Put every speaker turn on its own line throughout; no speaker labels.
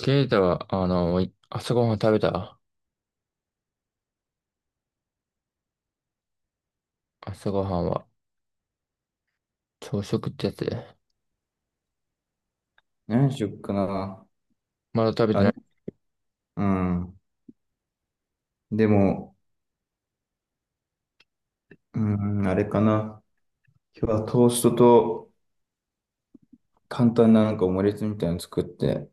ケイタは、朝ごはん食べた？朝ごはんは、朝食ってやつで。
何しよっかな。
まだ食べて
あ
な
れ、
い。
うん。でも、うん、あれかな。今日はトーストと簡単ななんかオムレツみたいなの作って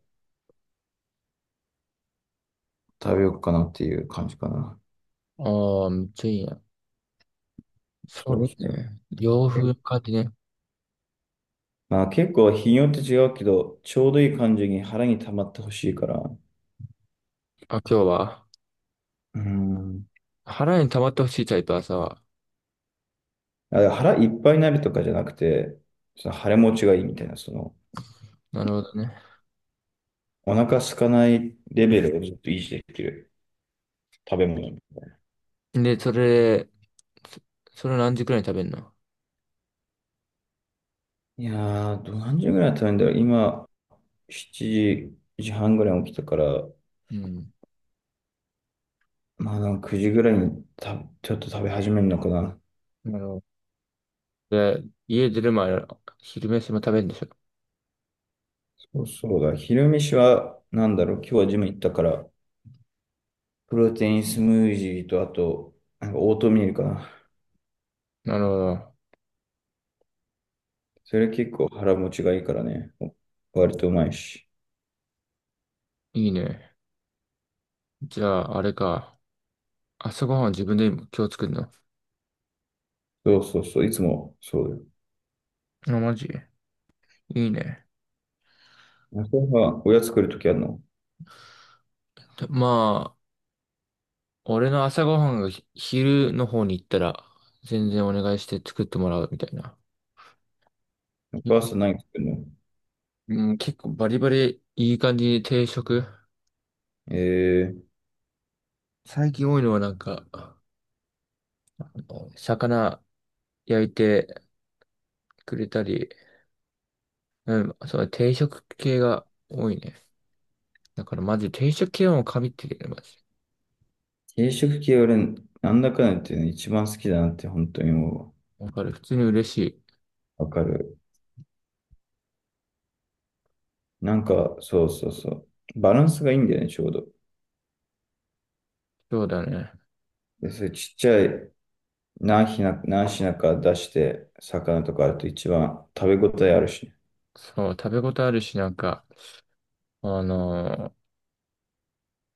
食べようかなっていう感じかな。
ああ、めっちゃいいな。そ
そう
れ
そう。
ね、洋風の
え
感じね。
まあ結構日によって違うけど、ちょうどいい感じに腹に溜まってほしいから。
あ、今日は、
うん。
腹に溜まってほしいタイプ、朝は。
あ、腹いっぱいになるとかじゃなくて、その腹持ちがいいみたいな、その、
なるほどね。
お腹空かないレベルをずっと維持できる食べ物みたいな。
で、そ、それ何時くらいに食べるの？
いやー、何時ぐらい食べるんだろう。今、7時半ぐらいに起きたから、
うん。
まあなんか9時ぐらいにちょっと食べ始めるのかな。
なるほど。で、家出る前、昼飯も食べるんでしょ？
そうそう、だ、昼飯はなんだろう。今日はジム行ったから、プロテインスムージーとあと、なんかオートミールかな。
なるほど。
それ結構腹持ちがいいからね。割とうまいし。
いいね。じゃあ、あれか。朝ごはんは自分で今日作るの？
そうそうそう、いつもそうだ
あ、マジ。いいね。
よ。朝はおやつ作るときあるの？
まあ、俺の朝ごはんが昼の方に行ったら、全然お願いして作ってもらうみたいな。
お
よ
母
か
さん何作るの？
うん、結構バリバリいい感じに定食。
えー、
最近多いのはなんか、あの魚焼いてくれたり、うん、そう、定食系が多いね。だからマジ定食系はもう神ってるよね、マジ。
定食系俺、なんだかんだ言ってね、一番好きだなって本当にも
わかる。普通に嬉しい。
うわかる。なんか、そうそうそう。バランスがいいんだよね、ちょうど。
そうだね。
で、それちっちゃい何品か出して、魚とかあると一番食べ応えあるしね。
そう、食べ応えあるし、なんか、あのー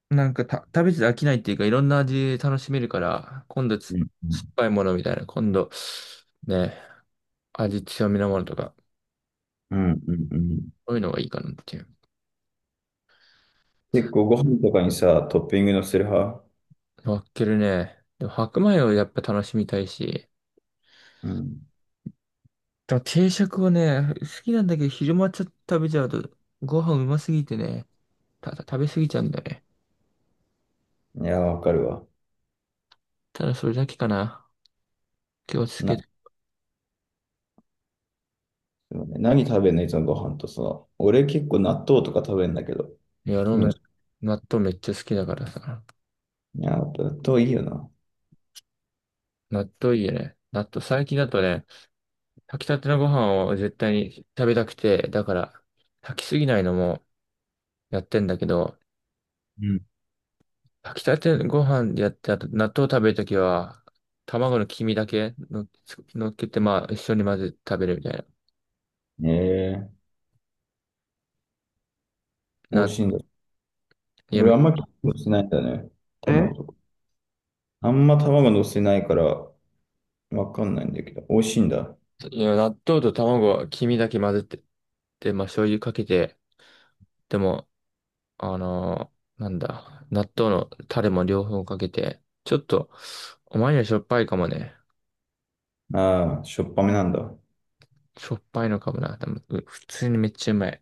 なんか食べてて飽きないっていうか、いろんな味楽しめるから、今度
うん
酸っぱいものみたいな、今度、ね、味強めのものとか、
うん、うん、
そういうのがいいかなっていう。
結構ご飯とかにさ、トッピングのせる派？
分けるね。でも白米をやっぱ楽しみたいし、
うん。
でも定食をね、好きなんだけど、昼間ちょっと食べちゃうと、ご飯うますぎてね、食べ過ぎちゃうんだよね。
いや、わかるわ。
ただそれだけかな。気をつけて。
な、そうね、何食べんのいつもご飯とさ。俺結構納豆とか食べんだけど。
いや、ラー
キ
メ
ム
ン。
チ。
納豆めっちゃ好きだからさ。
いや、納豆いいよな。
納豆いいよね。納豆、最近だとね、炊きたてのご飯を絶対に食べたくて、だから、炊きすぎないのもやってんだけど、
うん。
炊きたてご飯でやって、あと納豆食べるときは、卵の黄身だけの、のっけて、まあ、一緒に混ぜて食べるみたい
へえ、美
な。
味しいんだ。
いや、
俺あ
め
んまり気にしないんだね。
え
卵とか。あんま卵乗せないからわかんないんだけど、美味しいんだ。
いや、納豆と卵は黄身だけ混ぜて、で、まあ、醤油かけて、でも、あのなんだ、納豆のタレも両方かけて、ちょっと、お前にはしょっぱいかもね。
ああ、しょっぱめなんだ。
しょっぱいのかもな。でも、普通にめっちゃうまい。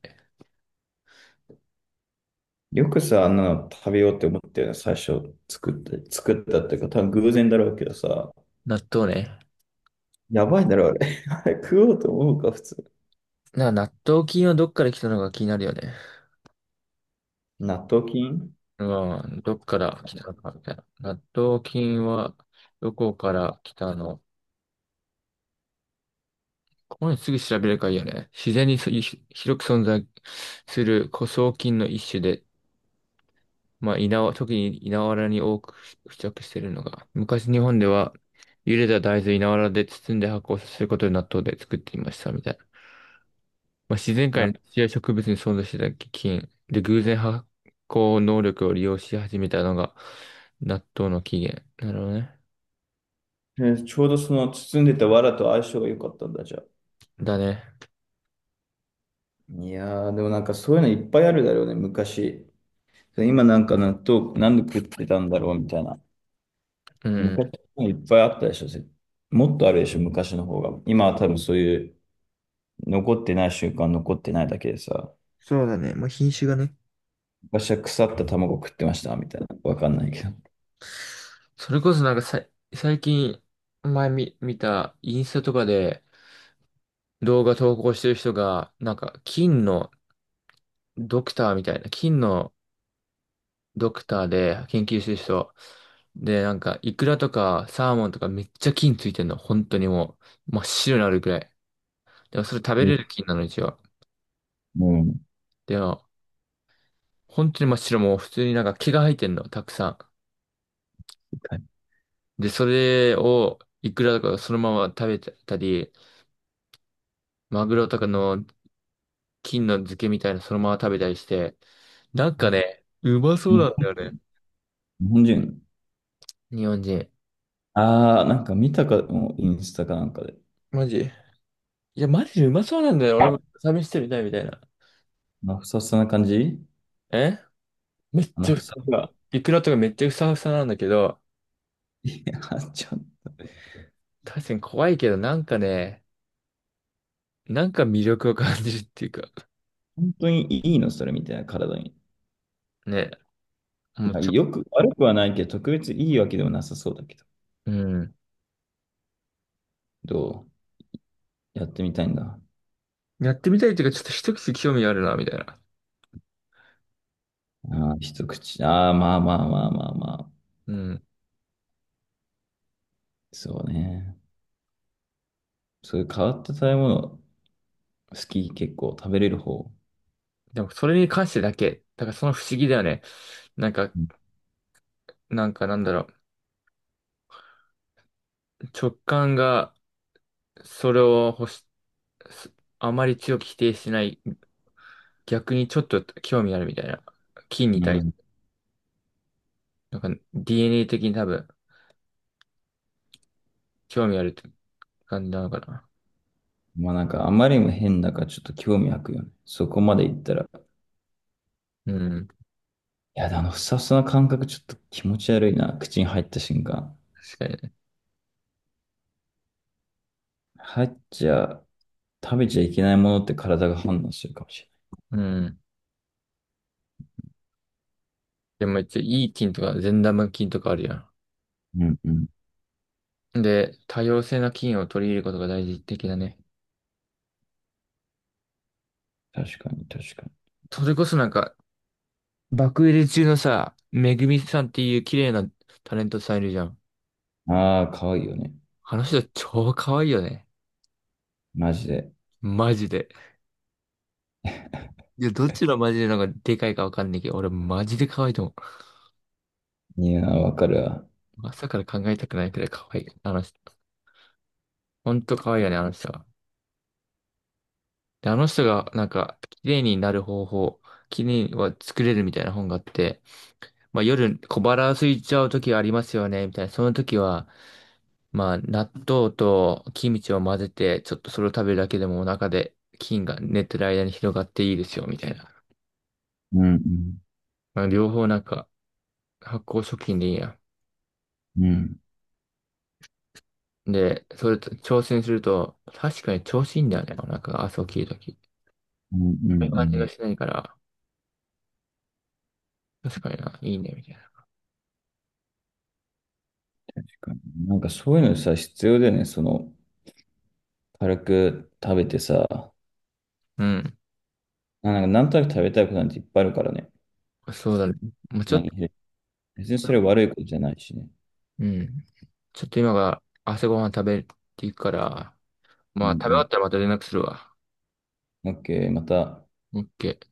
よくさ、あんなの食べようって思ったよね、最初作って、作ったっていうか、多分偶然だろうけどさ、
納豆ね。
やばいだろ、あれ。あれ食おうと思うか、普通。
なんか納豆菌はどっから来たのか気になるよね。
納豆菌、
まあどっから来たのかみたいな。納豆菌はどこから来たの？ここにすぐ調べればいいよね。自然に広く存在する古草菌の一種で、まあ、特に稲わらに多く付着しているのが、昔日本では茹でた大豆を稲わらで包んで発酵させることで納豆で作っていましたみたい。まあ、自然界
あ、
の土や植物に存在してた菌で偶然発酵能力を利用し始めたのが納豆の起源。なるほどね。
えーちょうどその包んでた藁と相性が良かったんだ、じゃあ。
だね。
いやー、でもなんかそういうのいっぱいあるだろうね、昔。今なんか納豆、なんで食ってたんだろうみたいな。
うんうん。
昔のいっぱいあったでしょ、もっとあるでしょ、昔の方が。今は多分そういう残ってない習慣残ってないだけでさ、
そうだね。まあ、品種がね。
昔は腐った卵食ってましたみたいな、わかんないけど。
それこそなんか最近見たインスタとかで動画投稿してる人が、なんか金のドクターみたいな、金のドクターで研究してる人、で、なんかイクラとかサーモンとかめっちゃ金ついてんの。本当にもう真っ白になるくらい。でもそれ食べれ
に
る菌なの、一応。
うん。
でも、本当に真っ白、もう普通になんか毛が生えてんの、たくさん。で、それをイクラとかそのまま食べたり、マグロとかの菌の漬けみたいなそのまま食べたりして、なんかね、うまそう
に
なんだよね。
日本人。
日本人。
ああ、なんか見たかも、インスタかなんかで。
マジ。いや、マジでうまそうなんだよ。俺も
あ
試してみたいみたいな。
のふさふさな感じ、
えめっ
あの
ちゃ、
ふさふさ。
イクラとかめっちゃふさふさなんだけど、
いや、ちょ、
確かに怖いけど、なんかね、なんか魅力を感じるっていうか、
本当にいいのそれみたいな、体に。
ね、もうちょ、
よく、悪くはないけど、特別いいわけでもなさそうだけど。
うん。
どうやってみたいんだ。
やってみたいというか、ちょっと一口興味があるな、みたいな。
ああ、一口。ああ、まあまあまあまあまあ。
うん。
そうね。そういう変わった食べ物、好き、結構食べれる方？
でも、それに関してだけ。だから、その不思議だよね。なんか、なんか、なんだろう。直感が、それを欲し、すあまり強く否定しない。逆にちょっと興味あるみたいな。菌に
う
対、
ん。
なんか、DNA 的に多分、興味あるって感じなのかな。
まあなんか、あまりにも変だからちょっと興味湧くよね。そこまで行ったら。
うん。
いや、あの、ふさふさな感覚ちょっと気持ち悪いな。口に入った瞬間。
確かにね。
入っちゃ、食べちゃいけないものって体が反応するかもし
うん。でも、一応、いい菌とか、善玉菌とかあるや
れない。うん。
ん。で、多様性な菌を取り入れることが大事的だね。
確かに、確かに。
それこそなんか、爆売れ中のさ、めぐみさんっていう綺麗なタレントさんいるじゃん。
ああ、可愛いよね。
あの人超可愛いよね。
マジで。
マジで。いや、どっちのマジでなんかでかいかわかんないけど、俺マジで可愛いと思
いやー、わかるわ。
う。朝から考えたくないくらい可愛い。あの人。ほんと可愛いよね、あの人は。で、あの人がなんか、綺麗になる方法、綺麗には作れるみたいな本があって、まあ夜小腹空いちゃう時ありますよね、みたいな。その時は、まあ、納豆とキムチを混ぜて、ちょっとそれを食べるだけでもお腹で菌が寝てる間に広がっていいですよ、みたいな。
うん
まあ、両方なんか発酵食品でいいや。
うん。うん。
で、それと挑戦すると、確かに調子いいんだよね、お腹が朝起きるとき。こ
うんうんう
ういう感じが
ん
しないから、確かにな、いいね、みたいな。
なんかそういうのさ、必要だよね。その、軽く食べてさ、
う
なんかなんとなく食べたいことなんていっぱいあるからね。
ん。そうだね。もうちょっと、
何別にそれ悪いことじゃないしね。
うん。ちょっと今が朝ごはん食べていくから、
う
まあ、食べ終わ
ん
ったらまた連絡するわ。
うん。OK、また。
オッケー。